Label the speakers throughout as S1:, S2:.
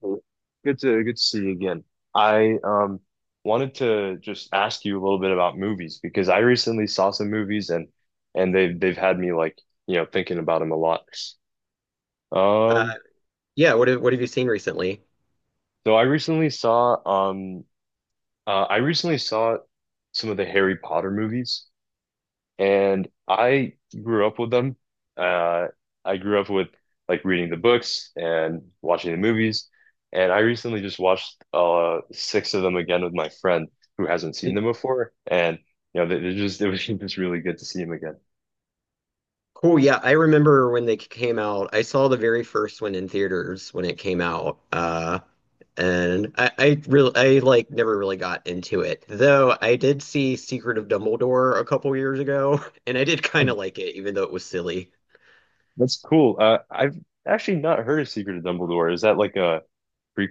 S1: Well, good to see you again. I wanted to just ask you a little bit about movies because I recently saw some movies and and they've had me thinking about them a lot.
S2: Uh,
S1: Um
S2: yeah, what have you seen recently?
S1: so um I recently saw some of the Harry Potter movies. And I grew up with them. Uh, I grew up with like reading the books and watching the movies. And I recently just watched six of them again with my friend who hasn't seen them before. And they just it was just really good to see them again.
S2: Cool. Yeah, I remember when they came out. I saw the very first one in theaters when it came out. And I really, I like never really got into it. Though I did see Secret of Dumbledore a couple years ago, and I did
S1: Oh,
S2: kind of like it, even though it was silly.
S1: that's cool. I've actually not heard of Secret of Dumbledore. Is that like a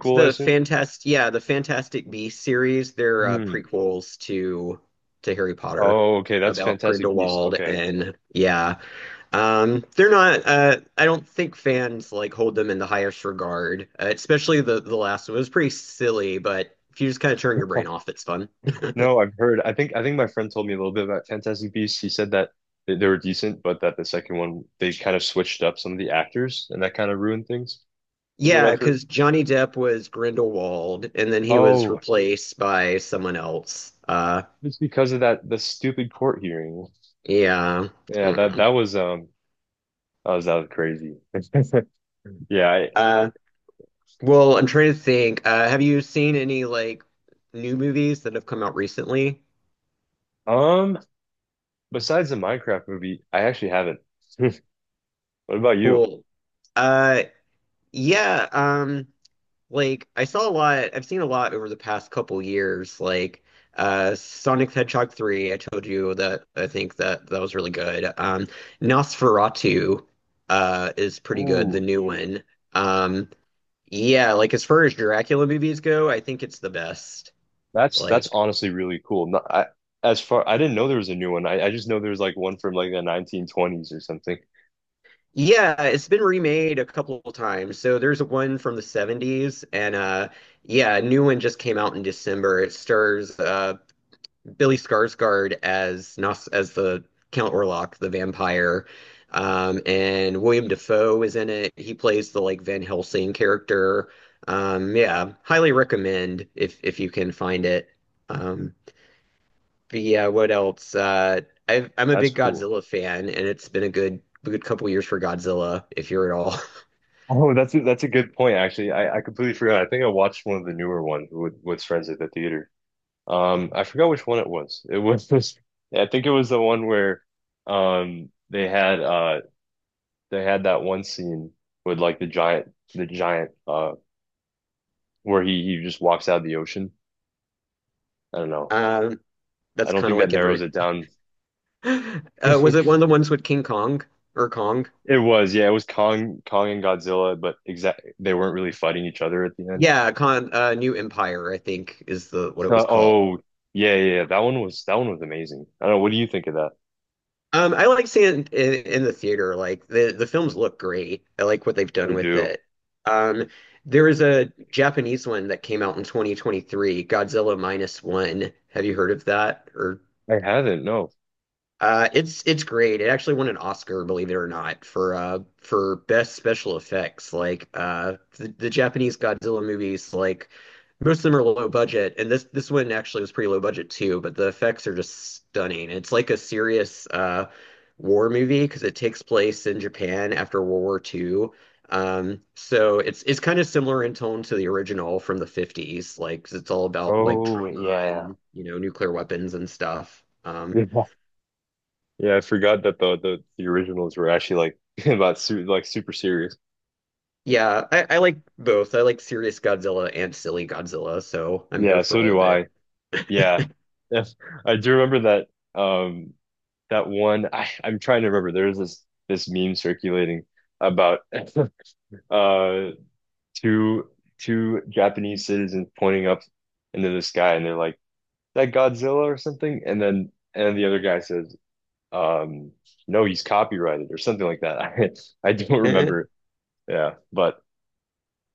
S2: It's
S1: I
S2: the
S1: assume?
S2: Fantastic, yeah, the Fantastic Beasts series. They're
S1: Hmm.
S2: prequels to Harry Potter
S1: Oh, okay. That's
S2: about
S1: Fantastic Beasts.
S2: Grindelwald,
S1: Okay.
S2: and yeah. They're not. I don't think fans like hold them in the highest regard. Especially the last one, it was pretty silly, but if you just kind of turn your brain off, it's fun.
S1: No, I've heard. I think my friend told me a little bit about Fantastic Beasts. He said that they were decent, but that the second one they kind of switched up some of the actors, and that kind of ruined things, is what
S2: Yeah,
S1: I've heard.
S2: because Johnny Depp was Grindelwald, and then he was
S1: Oh,
S2: replaced by someone else.
S1: it's because of that the stupid court hearing.
S2: Yeah.
S1: Yeah, that that
S2: Mm.
S1: was um that was crazy. Yeah,
S2: Uh, well, I'm trying to think. Have you seen any like new movies that have come out recently?
S1: I, besides the Minecraft movie, I actually haven't. What about you?
S2: Cool. Uh, yeah. Like I saw a lot, I've seen a lot over the past couple years, like Sonic the Hedgehog 3, I told you that I think that that was really good. Nosferatu is pretty good, the
S1: Ooh,
S2: new one. Um yeah, like as far as Dracula movies go, I think it's the best.
S1: that's
S2: Like
S1: honestly really cool. Not, I as far I didn't know there was a new one. I just know there was like one from like the 1920s or something.
S2: yeah, it's been remade a couple of times. So there's one from the 70s, and yeah, a new one just came out in December. It stars Billy Skarsgård as Nos as the Count Orlok, the vampire. And William Defoe is in it. He plays the like Van Helsing character. Yeah, highly recommend if you can find it. Um, but yeah, what else? I'm a
S1: That's
S2: big
S1: cool.
S2: Godzilla fan, and it's been a good couple years for Godzilla, if you're at all.
S1: Oh, that's a good point, actually. I completely forgot. I think I watched one of the newer ones with friends at the theater. I forgot which one it was. It was I think it was the one where um they had uh they had that one scene with like the giant where he just walks out of the ocean. I don't know.
S2: Um,
S1: I
S2: that's
S1: don't
S2: kind of
S1: think that
S2: like
S1: narrows
S2: every.
S1: it down.
S2: Was it one of the ones with King Kong or Kong?
S1: It was, yeah, it was Kong and Godzilla, but exact they weren't really fighting each other at the end.
S2: Yeah, Con New Empire, I think, is the what
S1: So,
S2: it was called.
S1: oh, yeah, that one was amazing. I don't know. What do you think of that?
S2: I like seeing it in the theater. Like the films look great. I like what they've
S1: They
S2: done with
S1: do.
S2: it. Um, there was a Japanese one that came out in 2023, Godzilla Minus One. Have you heard of that? Or
S1: I haven't. No.
S2: It's great. It actually won an Oscar, believe it or not, for best special effects. Like the Japanese Godzilla movies, like most of them are low budget, and this one actually was pretty low budget too. But the effects are just stunning. It's like a serious war movie because it takes place in Japan after World War II. So it's kind of similar in tone to the original from the 50s, like 'cause it's all about like
S1: Oh,
S2: trauma
S1: yeah.
S2: and you know nuclear weapons and stuff.
S1: Yeah, Yeah, I forgot that the originals were actually like about su like super serious.
S2: Yeah, I like both. I like serious Godzilla and silly Godzilla, so I'm here
S1: Yeah,
S2: for
S1: so
S2: all
S1: do
S2: of it.
S1: I. Yeah, yes. I do remember that. That one. I'm trying to remember. There's this meme circulating about uh two two Japanese citizens pointing up into the sky, and they're like that Godzilla or something, and then and the other guy says, um, no, he's copyrighted or something like that. I don't
S2: Eh.
S1: remember. Yeah, but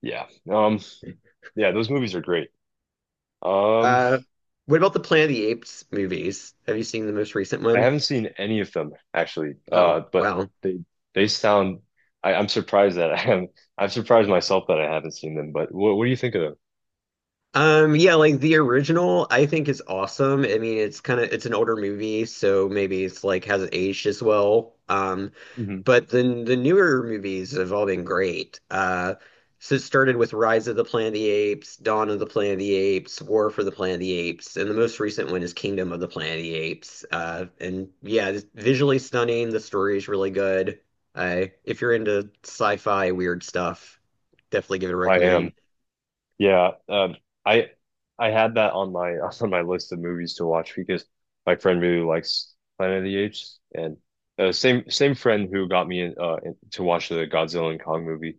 S1: yeah, um, yeah, those movies are great. Um,
S2: Uh, what about the Planet of the Apes movies? Have you seen the most recent
S1: I
S2: one?
S1: haven't seen any of them actually,
S2: Oh,
S1: but
S2: wow.
S1: they sound. I'm surprised that I haven't. I'm surprised myself that I haven't seen them. But what do you think of
S2: Yeah, like the original, I think is awesome. I mean, it's kind of it's an older movie, so maybe it's like hasn't aged as well.
S1: them? Mhm.
S2: But the newer movies have all been great. So it started with Rise of the Planet of the Apes, Dawn of the Planet of the Apes, War for the Planet of the Apes, and the most recent one is Kingdom of the Planet of the Apes. And yeah, it's visually stunning. The story is really good. I if you're into sci-fi weird stuff, definitely give it a
S1: I
S2: recommend.
S1: am. Yeah, I I had that on my on my list of movies to watch because my friend really likes Planet of the Apes, and same friend who got me in, to watch the Godzilla and Kong movie.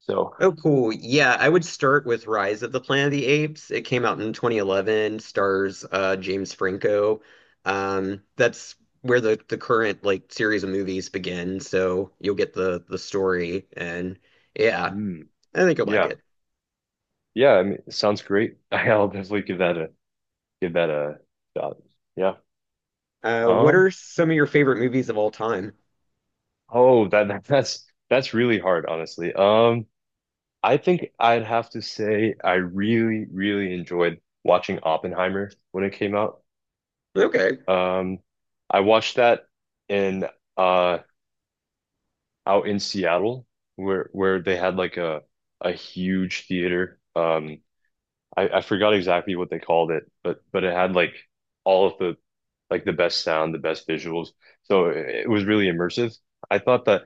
S1: So,
S2: Oh, cool. Yeah, I would start with Rise of the Planet of the Apes. It came out in 2011, stars James Franco. That's where the current like series of movies begin, so you'll get the story, and yeah,
S1: mm,
S2: I think you'll like
S1: yeah,
S2: it.
S1: yeah, I mean, it sounds great. I'll definitely give that a shot. Yeah.
S2: What
S1: Um.
S2: are some of your favorite movies of all time?
S1: Oh, that, that's really hard, honestly. I think I'd have to say I really enjoyed watching Oppenheimer when it came out.
S2: Okay.
S1: Um, I watched that in uh out in Seattle where they had like a huge theater. I forgot exactly what they called it, but it had like all of the like the best sound, the best visuals. So it was really immersive. I thought that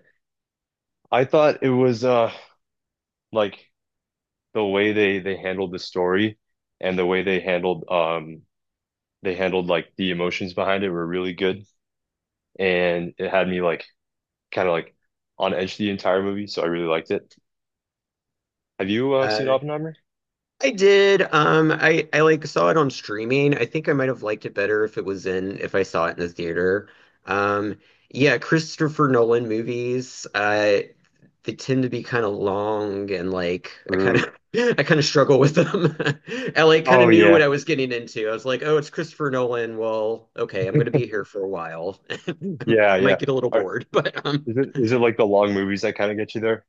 S1: I thought it was like the way they handled the story and the way they handled like the emotions behind it were really good and it had me like on edge the entire movie, so I really liked it. Have you seen Oppenheimer?
S2: I did. I like saw it on streaming. I think I might have liked it better if I saw it in the theater. Um, yeah, Christopher Nolan movies. They tend to be kind of long, and like I kind of
S1: Ooh.
S2: I kind of struggle with them. I like kind
S1: Oh
S2: of knew what
S1: yeah,
S2: I was getting into. I was like, oh, it's Christopher Nolan. Well, okay, I'm gonna be here for a while.
S1: yeah.
S2: Might get a little
S1: Are,
S2: bored, but
S1: is it like the long movies that kind of get you there?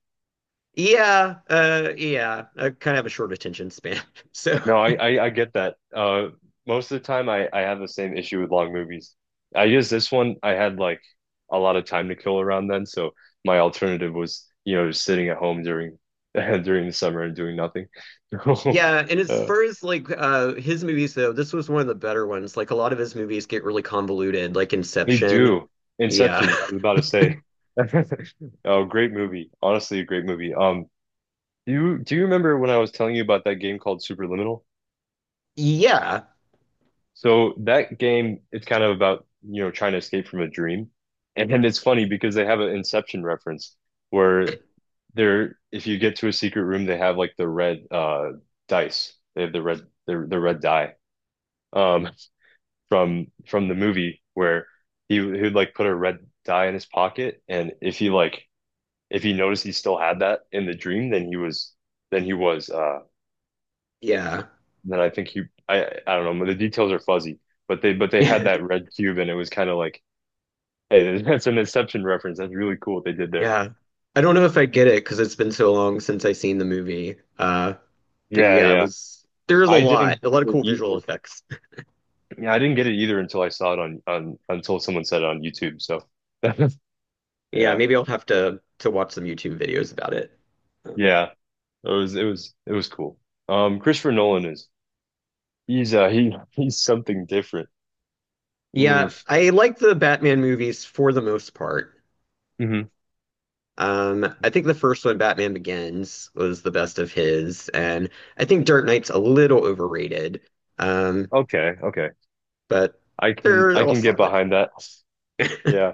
S2: yeah, yeah, I kind of have a short attention span, so.
S1: No, I get that. Most of the time, I have the same issue with long movies. I guess this one I had like a lot of time to kill around then, so my alternative was just sitting at home during during the summer and doing nothing.
S2: Yeah, and as
S1: Uh,
S2: far as like his movies though, this was one of the better ones. Like a lot of his movies get really convoluted, like
S1: we
S2: Inception.
S1: do.
S2: Yeah.
S1: Inception, I was about to say. Oh, great movie. Honestly, a great movie. Do you remember when I was telling you about that game called Superliminal?
S2: Yeah.
S1: So that game, it's kind of about, you know, trying to escape from a dream. And then it's funny because they have an Inception reference where they're if you get to a secret room, they have like the red dice. They have the red die um from the movie where he would like put a red die in his pocket and if he like if he noticed he still had that in the dream, then he was
S2: Yeah.
S1: then I think he I don't know, the details are fuzzy, but they had that red cube and it was kind of like, hey, that's an Inception reference. That's really cool what they did there.
S2: Yeah. I don't know if I get it because it's been so long since I seen the movie. But
S1: Yeah,
S2: yeah, it
S1: yeah.
S2: was there's
S1: I didn't
S2: a lot of
S1: get it
S2: cool visual
S1: either.
S2: effects.
S1: Yeah, I didn't get it either until I saw it on until someone said it on YouTube. So
S2: Yeah,
S1: yeah.
S2: maybe I'll have to watch some YouTube videos about it. Um,
S1: Yeah. It was it was it was cool. Um, Christopher Nolan is he he's something different.
S2: Yeah,
S1: Mm,
S2: I like the Batman movies for the most part.
S1: hmm.
S2: I think the first one, Batman Begins, was the best of his, and I think Dark Knight's a little overrated, um,
S1: Okay, okay.
S2: but
S1: I
S2: they're all
S1: can get
S2: solid.
S1: behind that. Yeah.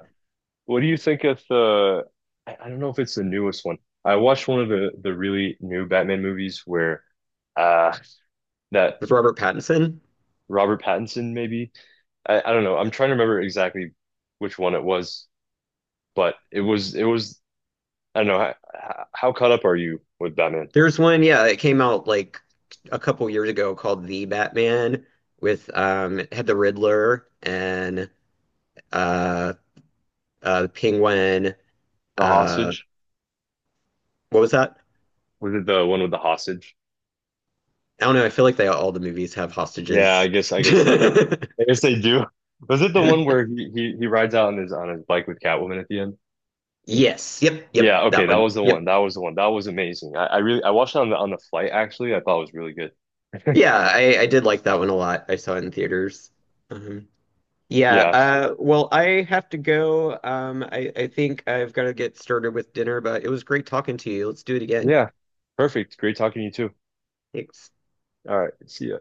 S1: What do you think of the I don't know if it's the newest one. I watched one of the really new Batman movies where uh that
S2: With Robert Pattinson,
S1: Robert Pattinson maybe I don't know. I'm trying to remember exactly which one it was, but it was I don't know how caught up are you with Batman?
S2: there's one, yeah, it came out like a couple years ago called The Batman, with it had the Riddler and uh, the Penguin.
S1: The
S2: Uh,
S1: hostage?
S2: what was that?
S1: Was it the one with the hostage?
S2: I don't know. I feel like they all the movies have
S1: Yeah,
S2: hostages.
S1: I guess they they do. Was it the one where he rides out on his bike with Catwoman at the end?
S2: Yes. Yep.
S1: Yeah,
S2: Yep.
S1: okay,
S2: That
S1: that
S2: one.
S1: was the one.
S2: Yep.
S1: That was the one. That was amazing. I watched it on the flight actually. I thought it was really good.
S2: Yeah, I did like that one a lot. I saw it in theaters. Um, yeah,
S1: Yeah.
S2: well, I have to go. I think I've got to get started with dinner, but it was great talking to you. Let's do it again.
S1: Yeah. Perfect. Great talking to you too.
S2: Thanks.
S1: All right. See ya.